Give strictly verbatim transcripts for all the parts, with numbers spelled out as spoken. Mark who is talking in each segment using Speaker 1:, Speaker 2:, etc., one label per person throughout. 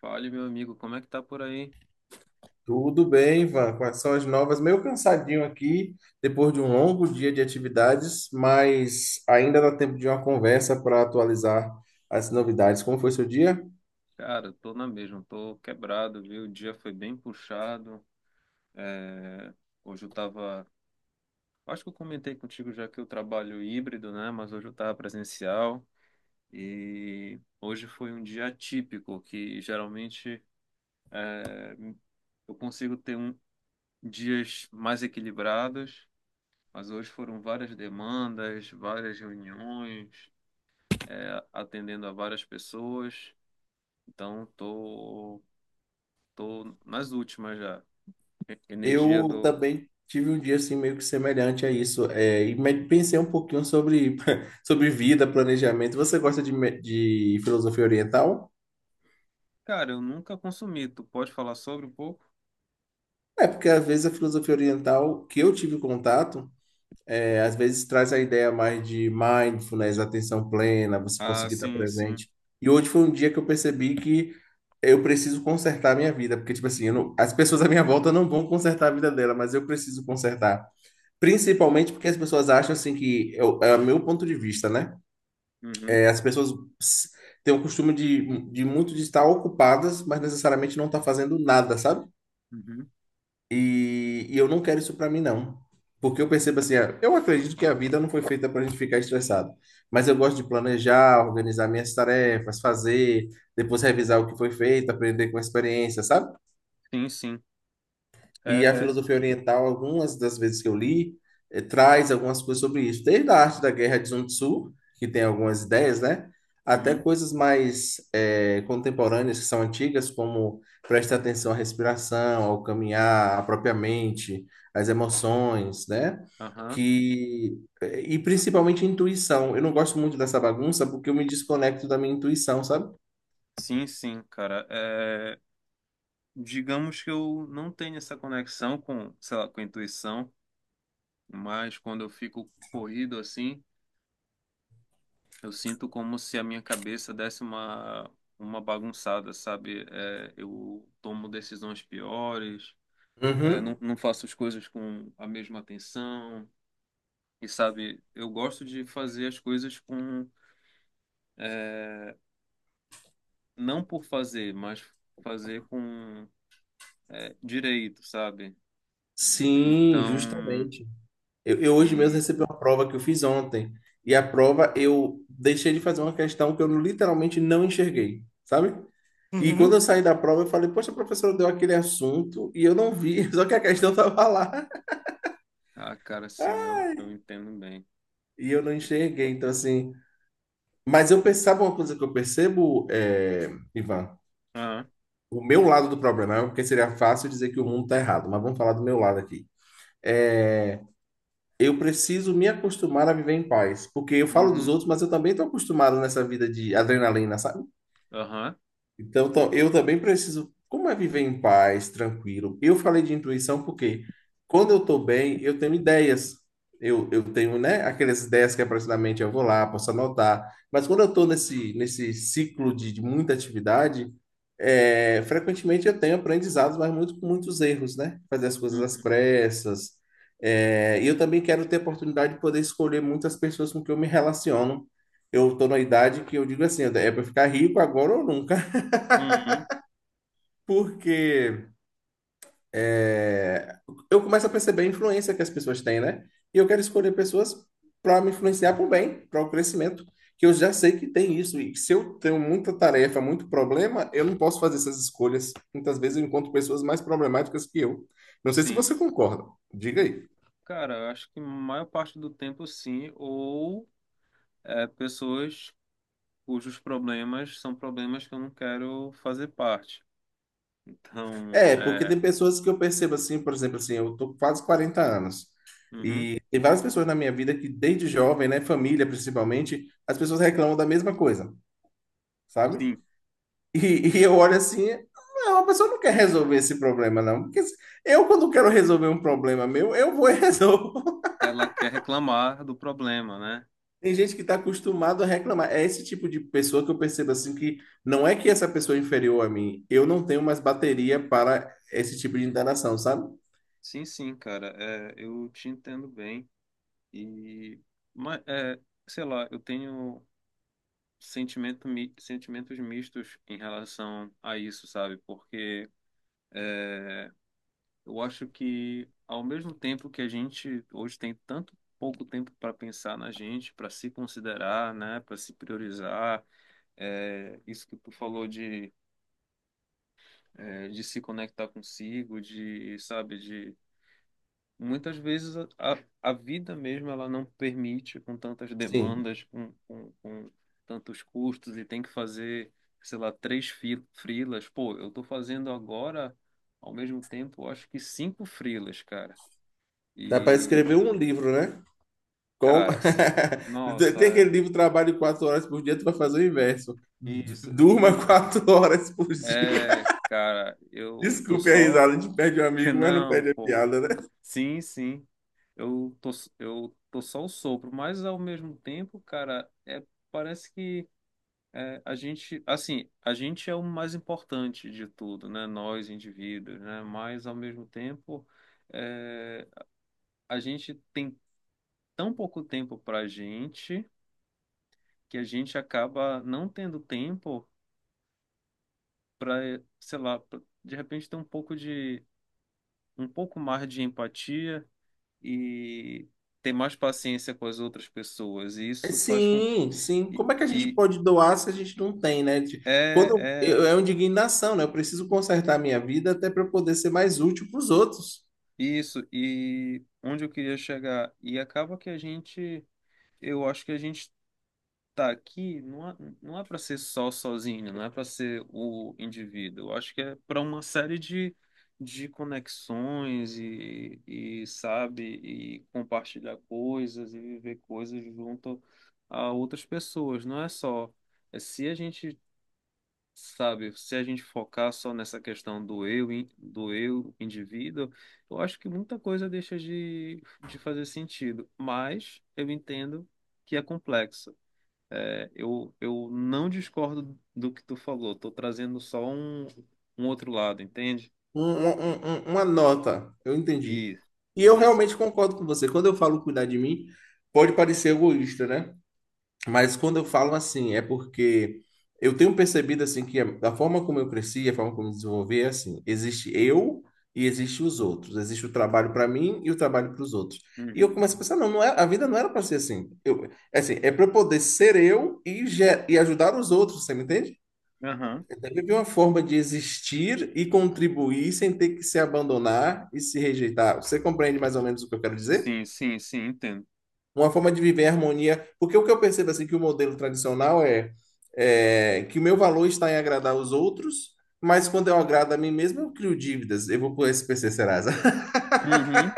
Speaker 1: Fale, meu amigo, como é que tá por aí?
Speaker 2: Tudo bem, Ivan? Quais são as novas? Meio cansadinho aqui, depois de um longo dia de atividades, mas ainda dá tempo de uma conversa para atualizar as novidades. Como foi seu dia?
Speaker 1: Cara, tô na mesma, tô quebrado, viu? O dia foi bem puxado. É, Hoje eu tava. Acho que eu comentei contigo já que eu trabalho híbrido, né? Mas hoje eu tava presencial. E hoje foi um dia atípico, que geralmente é, eu consigo ter um... dias mais equilibrados, mas hoje foram várias demandas, várias reuniões, é, atendendo a várias pessoas. Então, tô. Tô nas últimas já. E- Energia
Speaker 2: Eu
Speaker 1: do.
Speaker 2: também tive um dia assim meio que semelhante a isso, é, e me- pensei um pouquinho sobre, sobre vida, planejamento. Você gosta de, me- de filosofia oriental?
Speaker 1: Cara, eu nunca consumi. Tu pode falar sobre um pouco?
Speaker 2: É, porque às vezes a filosofia oriental que eu tive contato. É, às vezes traz a ideia mais de mindfulness, atenção plena, você
Speaker 1: Ah,
Speaker 2: conseguir estar
Speaker 1: sim, sim.
Speaker 2: presente. E hoje foi um dia que eu percebi que eu preciso consertar a minha vida, porque, tipo assim, eu não- as pessoas à minha volta não vão consertar a vida dela, mas eu preciso consertar. Principalmente porque as pessoas acham, assim, que eu- é o meu ponto de vista, né?
Speaker 1: Uhum,
Speaker 2: É, as pessoas s- têm o costume de, de muito de estar ocupadas, mas necessariamente não estar fazendo nada, sabe?
Speaker 1: uhum.
Speaker 2: E, e eu não quero isso para mim, não. Porque eu percebo assim, ah, eu acredito que a vida não foi feita para a gente ficar estressado. Mas eu gosto de planejar, organizar minhas tarefas, fazer, depois revisar o que foi feito, aprender com a experiência, sabe?
Speaker 1: Sim, sim.
Speaker 2: E a
Speaker 1: É.
Speaker 2: filosofia oriental, algumas das vezes que eu li, eh, traz algumas coisas sobre isso, desde a arte da guerra de Sun Tzu, que tem algumas ideias, né? Até
Speaker 1: Uhum,
Speaker 2: coisas mais eh, contemporâneas, que são antigas, como prestar atenção à respiração, ao caminhar, à própria mente, às emoções, né?
Speaker 1: aham.
Speaker 2: Que, eh, e principalmente intuição. Eu não gosto muito dessa bagunça porque eu me desconecto da minha intuição, sabe?
Speaker 1: Sim, sim, cara. É, digamos que eu não tenho essa conexão com, sei lá, com a intuição, mas quando eu fico corrido assim, eu sinto como se a minha cabeça desse uma, uma bagunçada, sabe? É, eu tomo decisões piores. É, não,
Speaker 2: Uhum.
Speaker 1: não faço as coisas com a mesma atenção. E sabe, eu gosto de fazer as coisas com, é, não por fazer, mas fazer com, é, direito, sabe?
Speaker 2: Sim,
Speaker 1: Então,
Speaker 2: justamente. Eu, eu hoje mesmo
Speaker 1: e,
Speaker 2: recebi uma prova que eu fiz ontem. E a prova eu deixei de fazer uma questão que eu literalmente não enxerguei, sabe? E quando
Speaker 1: Uhum.
Speaker 2: eu saí da prova, eu falei, poxa, a professora deu aquele assunto e eu não vi, só que a questão estava lá
Speaker 1: Ah, cara, sim, eu, eu entendo bem.
Speaker 2: e eu não
Speaker 1: E-
Speaker 2: enxerguei. Então, assim. Mas eu pensava uma coisa que eu percebo, é, Ivan,
Speaker 1: ah,
Speaker 2: o meu lado do problema, é porque seria fácil dizer que o mundo está errado, mas vamos falar do meu lado aqui. É, eu preciso me acostumar a viver em paz, porque eu falo dos
Speaker 1: uhum,
Speaker 2: outros, mas eu também estou acostumado nessa vida de adrenalina, sabe?
Speaker 1: aham,
Speaker 2: Então, tam- eu também preciso. Como é viver em paz, tranquilo? Eu falei de intuição porque quando eu estou bem, eu tenho ideias. Eu, eu tenho, né, aquelas ideias que aparecem na mente, eu vou lá, posso anotar. Mas quando eu estou nesse, nesse ciclo de, de muita atividade, é, frequentemente eu tenho aprendizados, mas muito com muitos erros, né? Fazer as coisas
Speaker 1: uhum,
Speaker 2: às pressas. É, e eu também quero ter a oportunidade de poder escolher muitas pessoas com que eu me relaciono. Eu estou na idade que eu digo assim, é para ficar rico agora ou nunca.
Speaker 1: uhum,
Speaker 2: Porque é, eu começo a perceber a influência que as pessoas têm, né? E eu quero escolher pessoas para me influenciar para o bem, para o crescimento, que eu já sei que tem isso. E que se eu tenho muita tarefa, muito problema, eu não posso fazer essas escolhas. Muitas vezes eu encontro pessoas mais problemáticas que eu. Não sei se
Speaker 1: sim.
Speaker 2: você concorda. Diga aí.
Speaker 1: Cara, eu acho que a maior parte do tempo, sim, ou é, pessoas cujos problemas são problemas que eu não quero fazer parte. Então,
Speaker 2: É, porque
Speaker 1: é,
Speaker 2: tem pessoas que eu percebo assim, por exemplo, assim, eu tô com quase quarenta anos.
Speaker 1: uhum,
Speaker 2: E tem várias pessoas na minha vida que desde jovem, né, família principalmente, as pessoas reclamam da mesma coisa, sabe?
Speaker 1: sim,
Speaker 2: E, e eu olho assim, não, a pessoa não quer resolver esse problema, não. Porque se- eu, quando quero resolver um problema meu, eu vou e resolvo.
Speaker 1: ela quer reclamar do problema, né?
Speaker 2: Tem gente que está acostumado a reclamar. É esse tipo de pessoa que eu percebo assim que não é que essa pessoa é inferior a mim. Eu não tenho mais bateria para esse tipo de interação, sabe?
Speaker 1: Sim, sim, cara, é, eu te entendo bem. E, mas, é, sei lá, eu tenho sentimento, mi- sentimentos mistos em relação a isso, sabe? Porque eu acho que, ao mesmo tempo que a gente hoje tem tanto pouco tempo para pensar na gente, para se considerar, né? Para se priorizar, é, isso que tu falou de é, de se conectar consigo, de, sabe, de muitas vezes a, a a vida mesmo ela não permite com tantas
Speaker 2: Sim.
Speaker 1: demandas, com, com, com tantos custos e tem que fazer, sei lá, três fi- freelas. Pô, eu tô fazendo agora, ao mesmo tempo, acho que cinco frilas, cara.
Speaker 2: Dá para
Speaker 1: E,
Speaker 2: escrever um livro, né? Com...
Speaker 1: cara, s- nossa,
Speaker 2: Tem
Speaker 1: é
Speaker 2: aquele livro Trabalho quatro horas por dia, tu vai fazer o inverso. Du-
Speaker 1: isso.
Speaker 2: Durma
Speaker 1: E,
Speaker 2: quatro horas por dia.
Speaker 1: é, cara, eu tô
Speaker 2: Desculpe a
Speaker 1: só.
Speaker 2: risada, a gente perde um amigo, mas não
Speaker 1: Não,
Speaker 2: perde a
Speaker 1: pô.
Speaker 2: piada, né?
Speaker 1: Sim, sim. Eu tô, eu tô só o sopro, mas ao mesmo tempo, cara, é, parece que é, a gente, assim, a gente é o mais importante de tudo, né? Nós, indivíduos, né? Mas ao mesmo tempo, é, a gente tem tão pouco tempo pra gente que a gente acaba não tendo tempo pra, sei lá, pra, de repente ter um pouco de, um pouco mais de empatia e ter mais paciência com as outras pessoas. E isso faz com.
Speaker 2: Sim, sim.
Speaker 1: E,
Speaker 2: Como é que a gente
Speaker 1: e
Speaker 2: pode doar se a gente não tem, né? De- Quando
Speaker 1: é,
Speaker 2: eu, é
Speaker 1: é
Speaker 2: uma indignação, né? Eu preciso consertar a minha vida até para poder ser mais útil para os outros.
Speaker 1: isso. E onde eu queria chegar. E acaba que a gente. Eu acho que a gente tá aqui não é, não é, para ser só sozinho, não é para ser o indivíduo. Eu acho que é para uma série de. De conexões e, e sabe e compartilhar coisas e viver coisas junto a outras pessoas não é só é, Se a gente sabe, se a gente focar só nessa questão do eu, in- do eu indivíduo, eu acho que muita coisa deixa de, de, fazer sentido, mas eu entendo que é complexo. É, eu, eu não discordo do que tu falou, estou trazendo só um, um outro lado, entende?
Speaker 2: Um- um- um- um, uma nota, eu entendi.
Speaker 1: E
Speaker 2: E eu
Speaker 1: isso.
Speaker 2: realmente concordo com você. Quando eu falo cuidar de mim, pode parecer egoísta, né? Mas quando eu falo assim, é porque eu tenho percebido assim que a, a forma como eu cresci, a forma como eu me desenvolvi é assim, existe eu e existe os outros, existe o trabalho para mim e o trabalho para os outros. E eu
Speaker 1: Uhum.
Speaker 2: começo a pensar, não, não é, a vida não era para ser assim. Eu, é assim, é para eu poder ser eu e, ge- e ajudar os outros, você me entende?
Speaker 1: Aham.
Speaker 2: É viver uma forma de existir e contribuir sem ter que se abandonar e se rejeitar. Você compreende mais ou menos o que eu quero dizer?
Speaker 1: Sim, sim, sim, entendo.
Speaker 2: Uma forma de viver em harmonia. Porque o que eu percebo assim que o modelo tradicional é, é que o meu valor está em agradar os outros, mas quando eu agrado a mim mesmo, eu crio dívidas. Eu vou pro S P C Serasa.
Speaker 1: Uhum.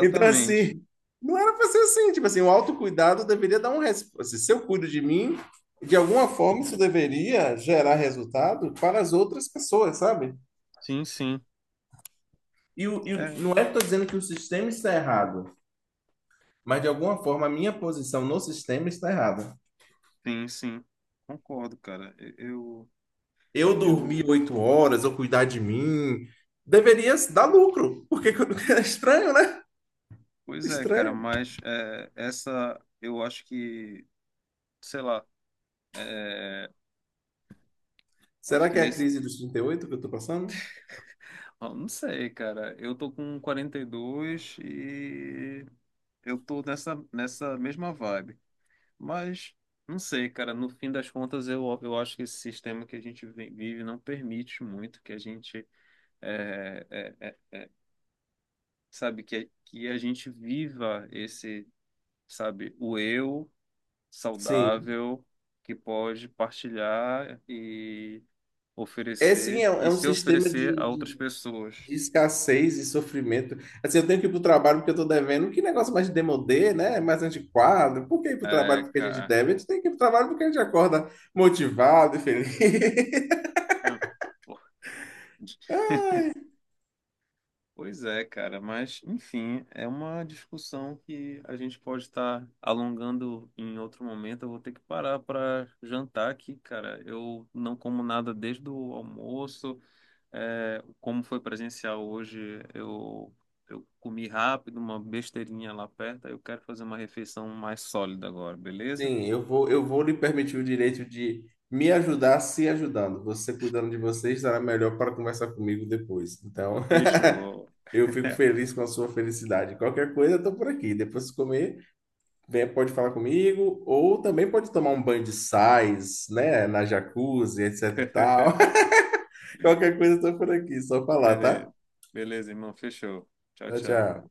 Speaker 2: Então, assim, não era para ser assim. Tipo assim, o autocuidado deveria dar um resposta. Se eu cuido de mim, de alguma forma isso deveria gerar resultado para as outras pessoas, sabe?
Speaker 1: Sim, sim.
Speaker 2: E, o- e o-
Speaker 1: É,
Speaker 2: não é que eu estou dizendo que o sistema está errado, mas de alguma forma a minha posição no sistema está errada.
Speaker 1: sim, sim. Concordo, cara. Eu,
Speaker 2: Eu dormir
Speaker 1: eu
Speaker 2: oito horas, eu cuidar de mim, deveria dar lucro. Porque é estranho, né?
Speaker 1: Pois é, cara,
Speaker 2: Estranho.
Speaker 1: mas é, essa eu acho que, sei lá, é, acho
Speaker 2: Será
Speaker 1: que
Speaker 2: que é a
Speaker 1: nesse.
Speaker 2: crise dos trinta e oito que eu estou passando?
Speaker 1: Ah, não sei, cara. Eu tô com quarenta e dois e dois e eu tô nessa, nessa mesma vibe. Mas não sei, cara. No fim das contas, eu, eu acho que esse sistema que a gente vi- vive não permite muito que a gente, é, é, é, sabe, que, que a gente viva esse, sabe, o eu.
Speaker 2: Sim.
Speaker 1: Saudável que pode partilhar e
Speaker 2: É sim, é,
Speaker 1: oferecer
Speaker 2: é
Speaker 1: e
Speaker 2: um
Speaker 1: se
Speaker 2: sistema de,
Speaker 1: oferecer a outras
Speaker 2: de,
Speaker 1: pessoas.
Speaker 2: de escassez e sofrimento. Assim, eu tenho que ir para o trabalho porque eu estou devendo. Que negócio mais demodê, né? É mais antiquado. Por que ir para o trabalho
Speaker 1: É,
Speaker 2: porque a gente
Speaker 1: cara.
Speaker 2: deve? A gente tem que ir para o trabalho porque a gente acorda motivado e feliz.
Speaker 1: Ah, pô. Pois é, cara, mas enfim, é uma discussão que a gente pode estar alongando em outro momento. Eu vou ter que parar para jantar aqui, cara. Eu não como nada desde o almoço. É, como foi presencial hoje, eu, eu comi rápido, uma besteirinha lá perto, aí eu quero fazer uma refeição mais sólida agora, beleza?
Speaker 2: Sim, eu vou, eu vou lhe permitir o direito de me ajudar se ajudando. Você cuidando de você estará melhor para conversar comigo depois. Então,
Speaker 1: Fechou.
Speaker 2: eu fico feliz com a sua felicidade. Qualquer coisa, eu estou por aqui. Depois de comer, vem, pode falar comigo, ou também pode tomar um banho de sais, né, na jacuzzi, etc e tal. Qualquer coisa, eu estou por aqui. Só falar, tá?
Speaker 1: Beleza. Beleza, irmão, fechou. Tchau,
Speaker 2: Tchau,
Speaker 1: tchau.
Speaker 2: tchau.